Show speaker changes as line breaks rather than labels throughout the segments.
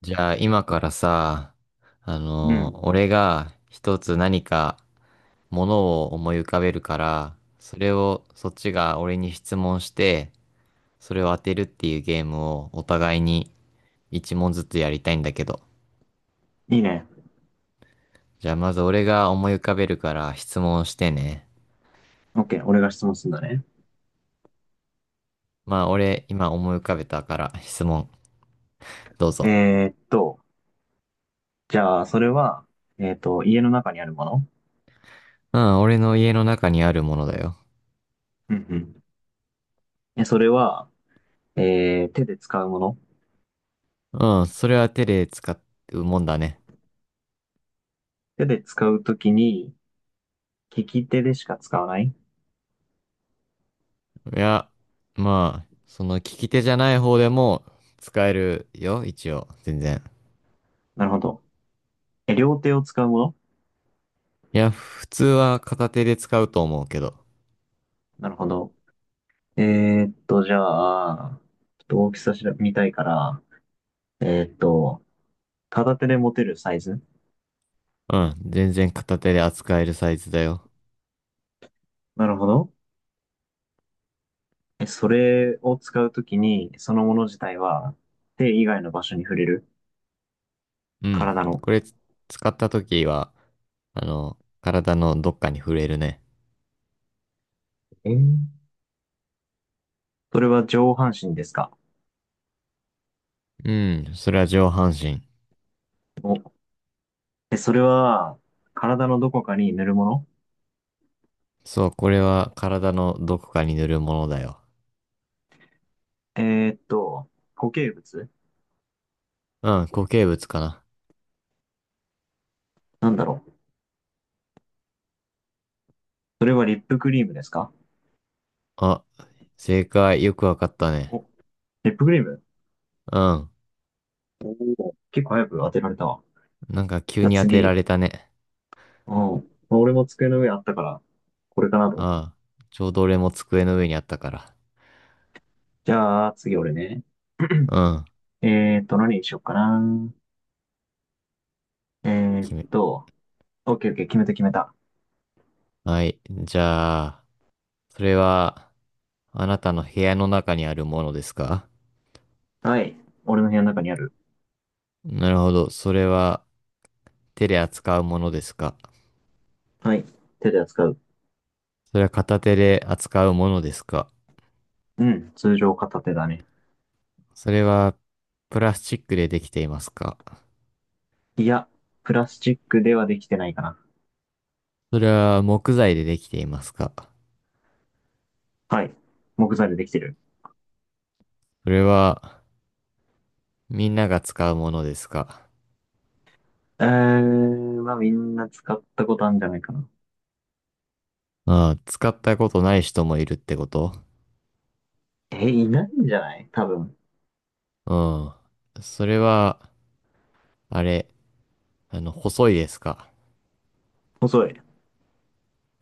じゃあ今からさ、
うん。
俺が一つ何かものを思い浮かべるから、それをそっちが俺に質問して、それを当てるっていうゲームをお互いに一問ずつやりたいんだけど。
いいね。
じゃあまず俺が思い浮かべるから質問してね。
OK。俺が質問するんだね。
まあ俺今思い浮かべたから質問どうぞ。
えーっと、じゃあ、それは、家の中にあるもの？
うん、俺の家の中にあるものだよ。
うんうん。え、それは、手で使うもの？
うん、それは手で使うもんだね。
手で使うときに、利き手でしか使わない？
いや、まあ、その利き手じゃない方でも使えるよ、一応、全然。
なるほど。え、両手を使うもの？
いや、普通は片手で使うと思うけど。
なるほど。えじゃあ、ちょっと大きさ調べ見たいから、えーっと、片手で持てるサイズ？
うん、全然片手で扱えるサイズだよ。
なるほど。え、それを使うときに、そのもの自体は、手以外の場所に触れる？
うん、
体の。
これつ使った時は、体のどっかに触れるね。
えーそれは上半身ですか？
うん、それは上半身。
お、え、それは、体のどこかに塗るもの？
そう、これは体のどこかに塗るものだよ。
えーっと、固形物？
うん、固形物かな。
なんだろう。それはリップクリームですか？
あ、正解、よくわかったね。
お、リップクリーム。
うん、
おおー結構早く当てられたわ。
なんか急
じゃあ
に当てら
次。
れたね。
うん。まあ俺も机の上あったから、これかなと思って。
ああ、ちょうど俺も机の上にあったから。
じゃあ次俺ね。
うん、
何にしよっかな。えー
決め。
っと、オッケーオッケー、決めた決めた。
はい。じゃあ、それは、あなたの部屋の中にあるものですか？
はい。俺の部屋の中にある。
なるほど。それは、手で扱うものですか？
はい。手で扱う。
それは片手で扱うものですか？
うん。通常片手だね。
それは、プラスチックでできていますか？
いや、プラスチックではできてないかな。
それは、木材でできていますか？
はい。木材でできてる。
それは、みんなが使うものですか？
えー、まあみんな使ったことあるんじゃないかな。
ああ、使ったことない人もいるってこと？
え、いないんじゃない多分。
うん。それは、あれ、細いですか？
細い。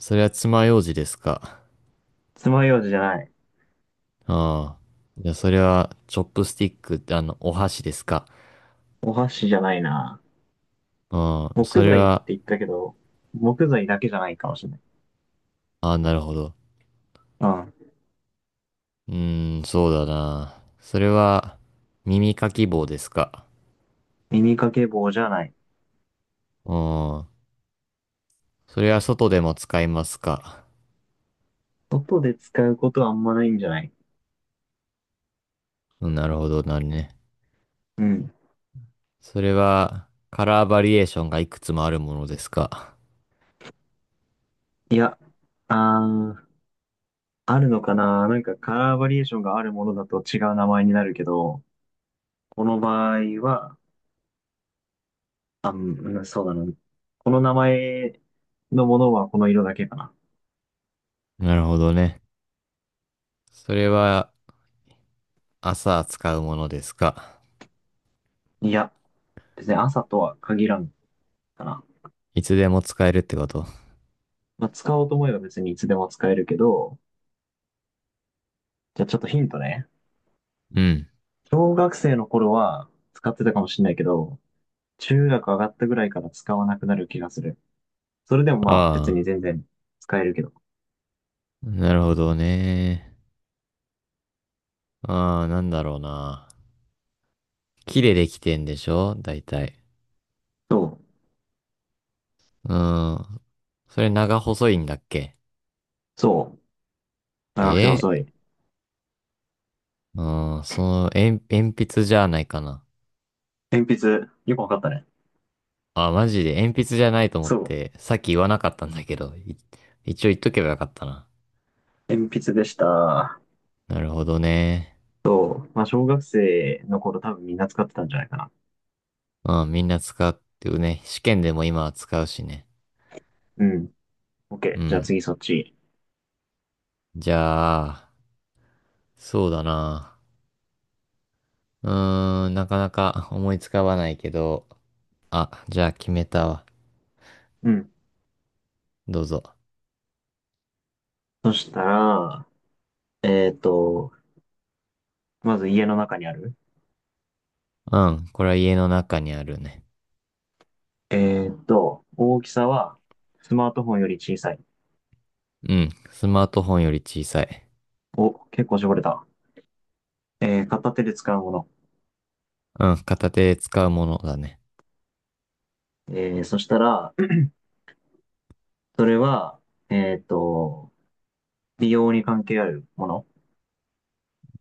それは爪楊枝ですか？
爪楊枝じゃない。
ああ。じゃあ、それは、チョップスティックってお箸ですか？
お箸じゃないな。
うん。そ
木
れ
材って
は、
言ったけど、木材だけじゃないかもしれない。
ああ、なるほど。
うん。
うーん、そうだな。それは、耳かき棒ですか？
耳掛け棒じゃない。
うん。それは外でも使いますか？
外で使うことはあんまないんじゃない？
うん、なるほど、なるね。
うん。
それは、カラーバリエーションがいくつもあるものですか？
いや、あー、あるのかな。なんかカラーバリエーションがあるものだと違う名前になるけど、この場合は、あ、うん、そうだな。この名前のものはこの色だけかな。
なるほどね。それは、朝使うものですか？
いや、別に朝とは限らんかな。
いつでも使えるってこと？
まあ、使おうと思えば別にいつでも使えるけど、じゃあちょっとヒントね。
うん。
小学生の頃は使ってたかもしれないけど、中学上がったぐらいから使わなくなる気がする。それでもまあ別に
あ
全然使えるけど。
あ、なるほどね。ああ、なんだろうな。木でできてんでしょ大体。
そう。
うん。それ長細いんだっけ？
そう。長く
え
て
え、
細い。
うん、鉛筆じゃないかな。
鉛筆、よくわかったね。
あ、マジで鉛筆じゃないと思っ
そう。
て、さっき言わなかったんだけど、一応言っとけばよかったな。
鉛筆でした。
なるほどね。
そう。まあ小学生の頃多分みんな使ってたんじゃないかな。
うん、みんな使ってるね。試験でも今は使うしね。
うん。
う
OK。じゃあ
ん。
次そっち。
じゃあ、そうだな。うーん、なかなか思いつかわないけど、あ、じゃあ決めたわ。
うん。
どうぞ。
そしたら、えっと、まず家の中にある。
うん、これは家の中にあるね。
大きさはスマートフォンより小さい。
うん、スマートフォンより小さい。
お、結構絞れた。片手で使うもの。
うん、片手で使うものだね。
そしたら、それは、えっと、美容に関係あるもの。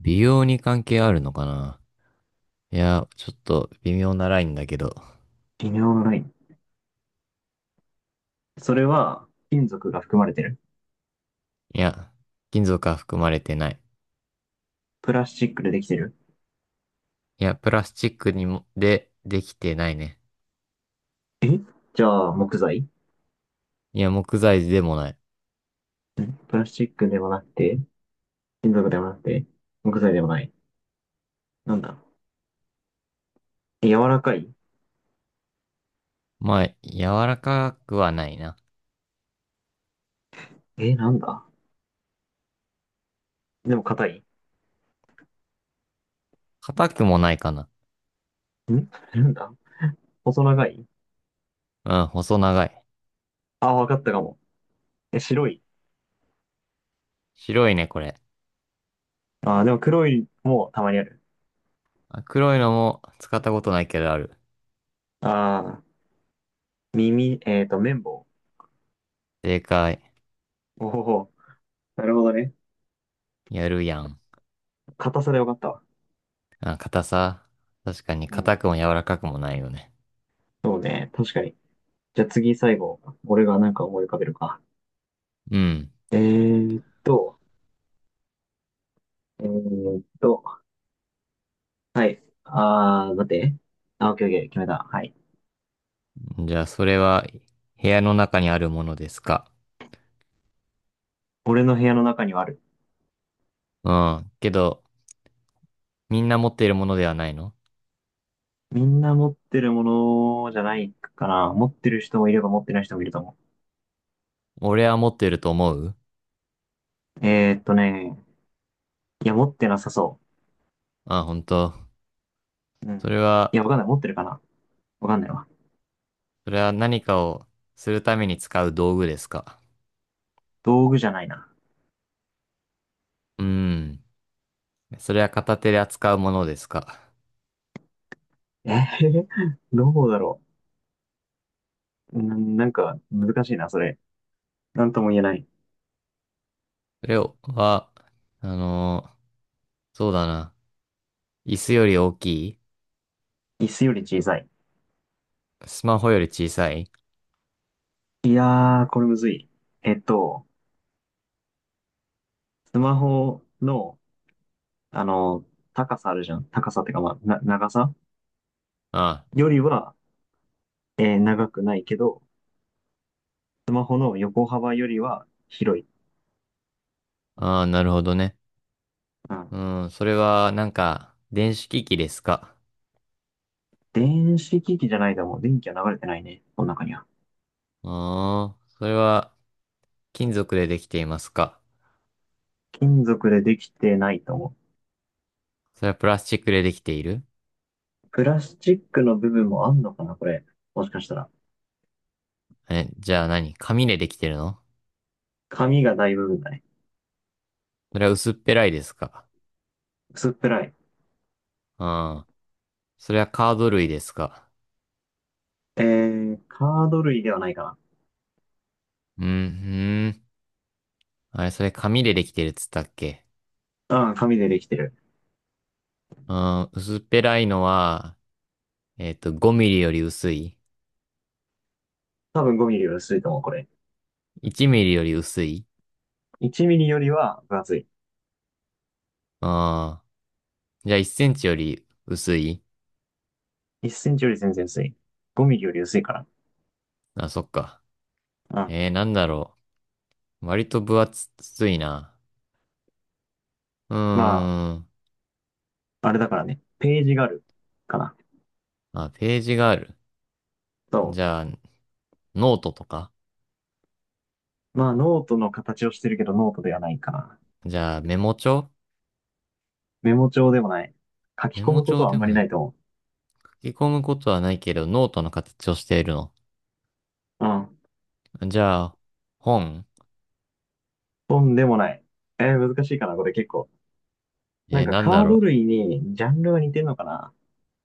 美容に関係あるのかな？いや、ちょっと微妙なラインだけど。
微妙なライン。それは、金属が含まれてる？
いや、金属は含まれてない。
プラスチックでできてる？
いや、プラスチックにも、できてないね。
えじゃあ、木材？
いや、木材でもない。
プラスチックでもなくて、金属でもなくて、木材でもない。なんだ。柔らかい？
まあ、柔らかくはないな。
え、なんだ、でも硬い？
硬くもないかな。
んなんだ、細長い？
うん、細長い。
あ、わかったかも。え、白い？
白いね、これ。
あ、でも黒いもたまにある。
あ、黒いのも使ったことないけどある。
あ耳、綿棒。
正解。
おほほ。なるほどね。
やるやん。
硬さでわかったわ。
あ、硬さ。確かに
う
硬
ん。
くも柔らかくもないよね。
そうね、確かに。じゃあ次最後、俺がなんか思い浮かべるか。
うん。
えーっと、えーっと、はい。待って。あ、オッケーオッケー、決めた。はい。
じゃあ、それは部屋の中にあるものですか。
俺の部屋の中にはある。
うん。けど、みんな持っているものではないの？
みんな持ってるものじゃないかな。持ってる人もいれば持ってない人もいると思う。
俺は持っていると思う？
えーっとね、いや、持ってなさそ
あ、本当。
う。うん。
それは、
いや、わかんない。持ってるかな？わかんないわ。
それは何かをするために使う道具ですか。
道具じゃないな。
うん。それは片手で扱うものですか。
えー どうだろう。うん、なんか、難しいな、それ。なんとも言えない。
それは、あのーそうだな。椅子より大きい？
椅子より小さい。
スマホより小さい？
いやー、これむずい。えっと、スマホの、あの、高さあるじゃん。高さってか、まあ、長さ
あ
よりは、長くないけど、スマホの横幅よりは広い。
あ、ああ、なるほどね。
う
う
ん。
ん、それは、なんか、電子機器ですか？
電子機器じゃないかも。電気は流れてないね。この中には。
うーん、それは、金属でできていますか？
金属でできてないと思う。
それはプラスチックでできている？
プラスチックの部分もあんのかな、これ。もしかしたら。
え、じゃあ何紙でできてるの？
紙が大部分だね。
それは薄っぺらいですか？
薄っぺらい。
うん、それはカード類ですか？
カード類ではないか
うん、うん。あれ、それ紙でできてるっつったっけ？
な。うん、紙でできてる。
うん、薄っぺらいのは、5ミリより薄い
多分5ミリより薄いと思う、これ。
?1 ミリより薄い？
1ミリよりは分厚い。
うん、じゃあ1センチより薄い？
1センチより全然薄い。5ミリより薄いから。
あ、そっか。
うん。
なんだろう。割と分厚いな。う
ま
ーん。
あ、あれだからね。ページがある。かな。
あ、ページがある。
そ
じゃあ、ノートとか？
う。まあ、ノートの形をしてるけど、ノートではないかな。
じゃあ、メモ帳？
メモ帳でもない。書き
メ
込
モ
むこと
帳
はあ
で
んま
も
り
な
な
い。
いと思
書き込むことはないけど、ノートの形をしているの。
う。うん。
じゃあ、本？
とんでもない。難しいかな、これ結構。なんか
なんだ
カード
ろ
類にジャンルが似てるのかな。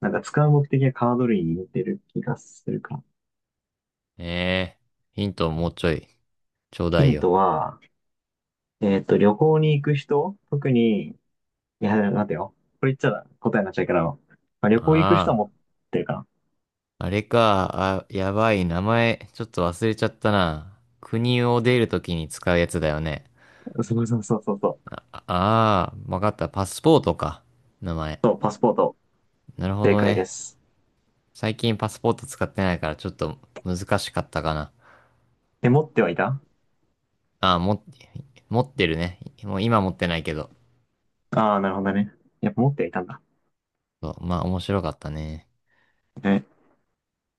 なんか使う目的がカード類に似てる気がするか。
う。ヒントもうちょい、ちょうだ
ヒ
い
ン
よ。
トは、旅行に行く人特に、いや、待てよ。これ言っちゃ答えになっちゃうから、まあ、旅行行く人は
あ
持ってるか
あ、あれか。あ、やばい。名前、ちょっと忘れちゃったな。国を出るときに使うやつだよね。
な。そうそうそうそうそう。
ああー、わかった。パスポートか。名前。
そう、パスポート。
なるほ
正
ど
解で
ね。
す。
最近パスポート使ってないからちょっと難しかったかな。
え、持ってはいた？
あ、持ってるね。もう今持ってないけど。
ああー、なるほどね。やっぱ持ってはいたんだ。
そうまあ面白かったね。
え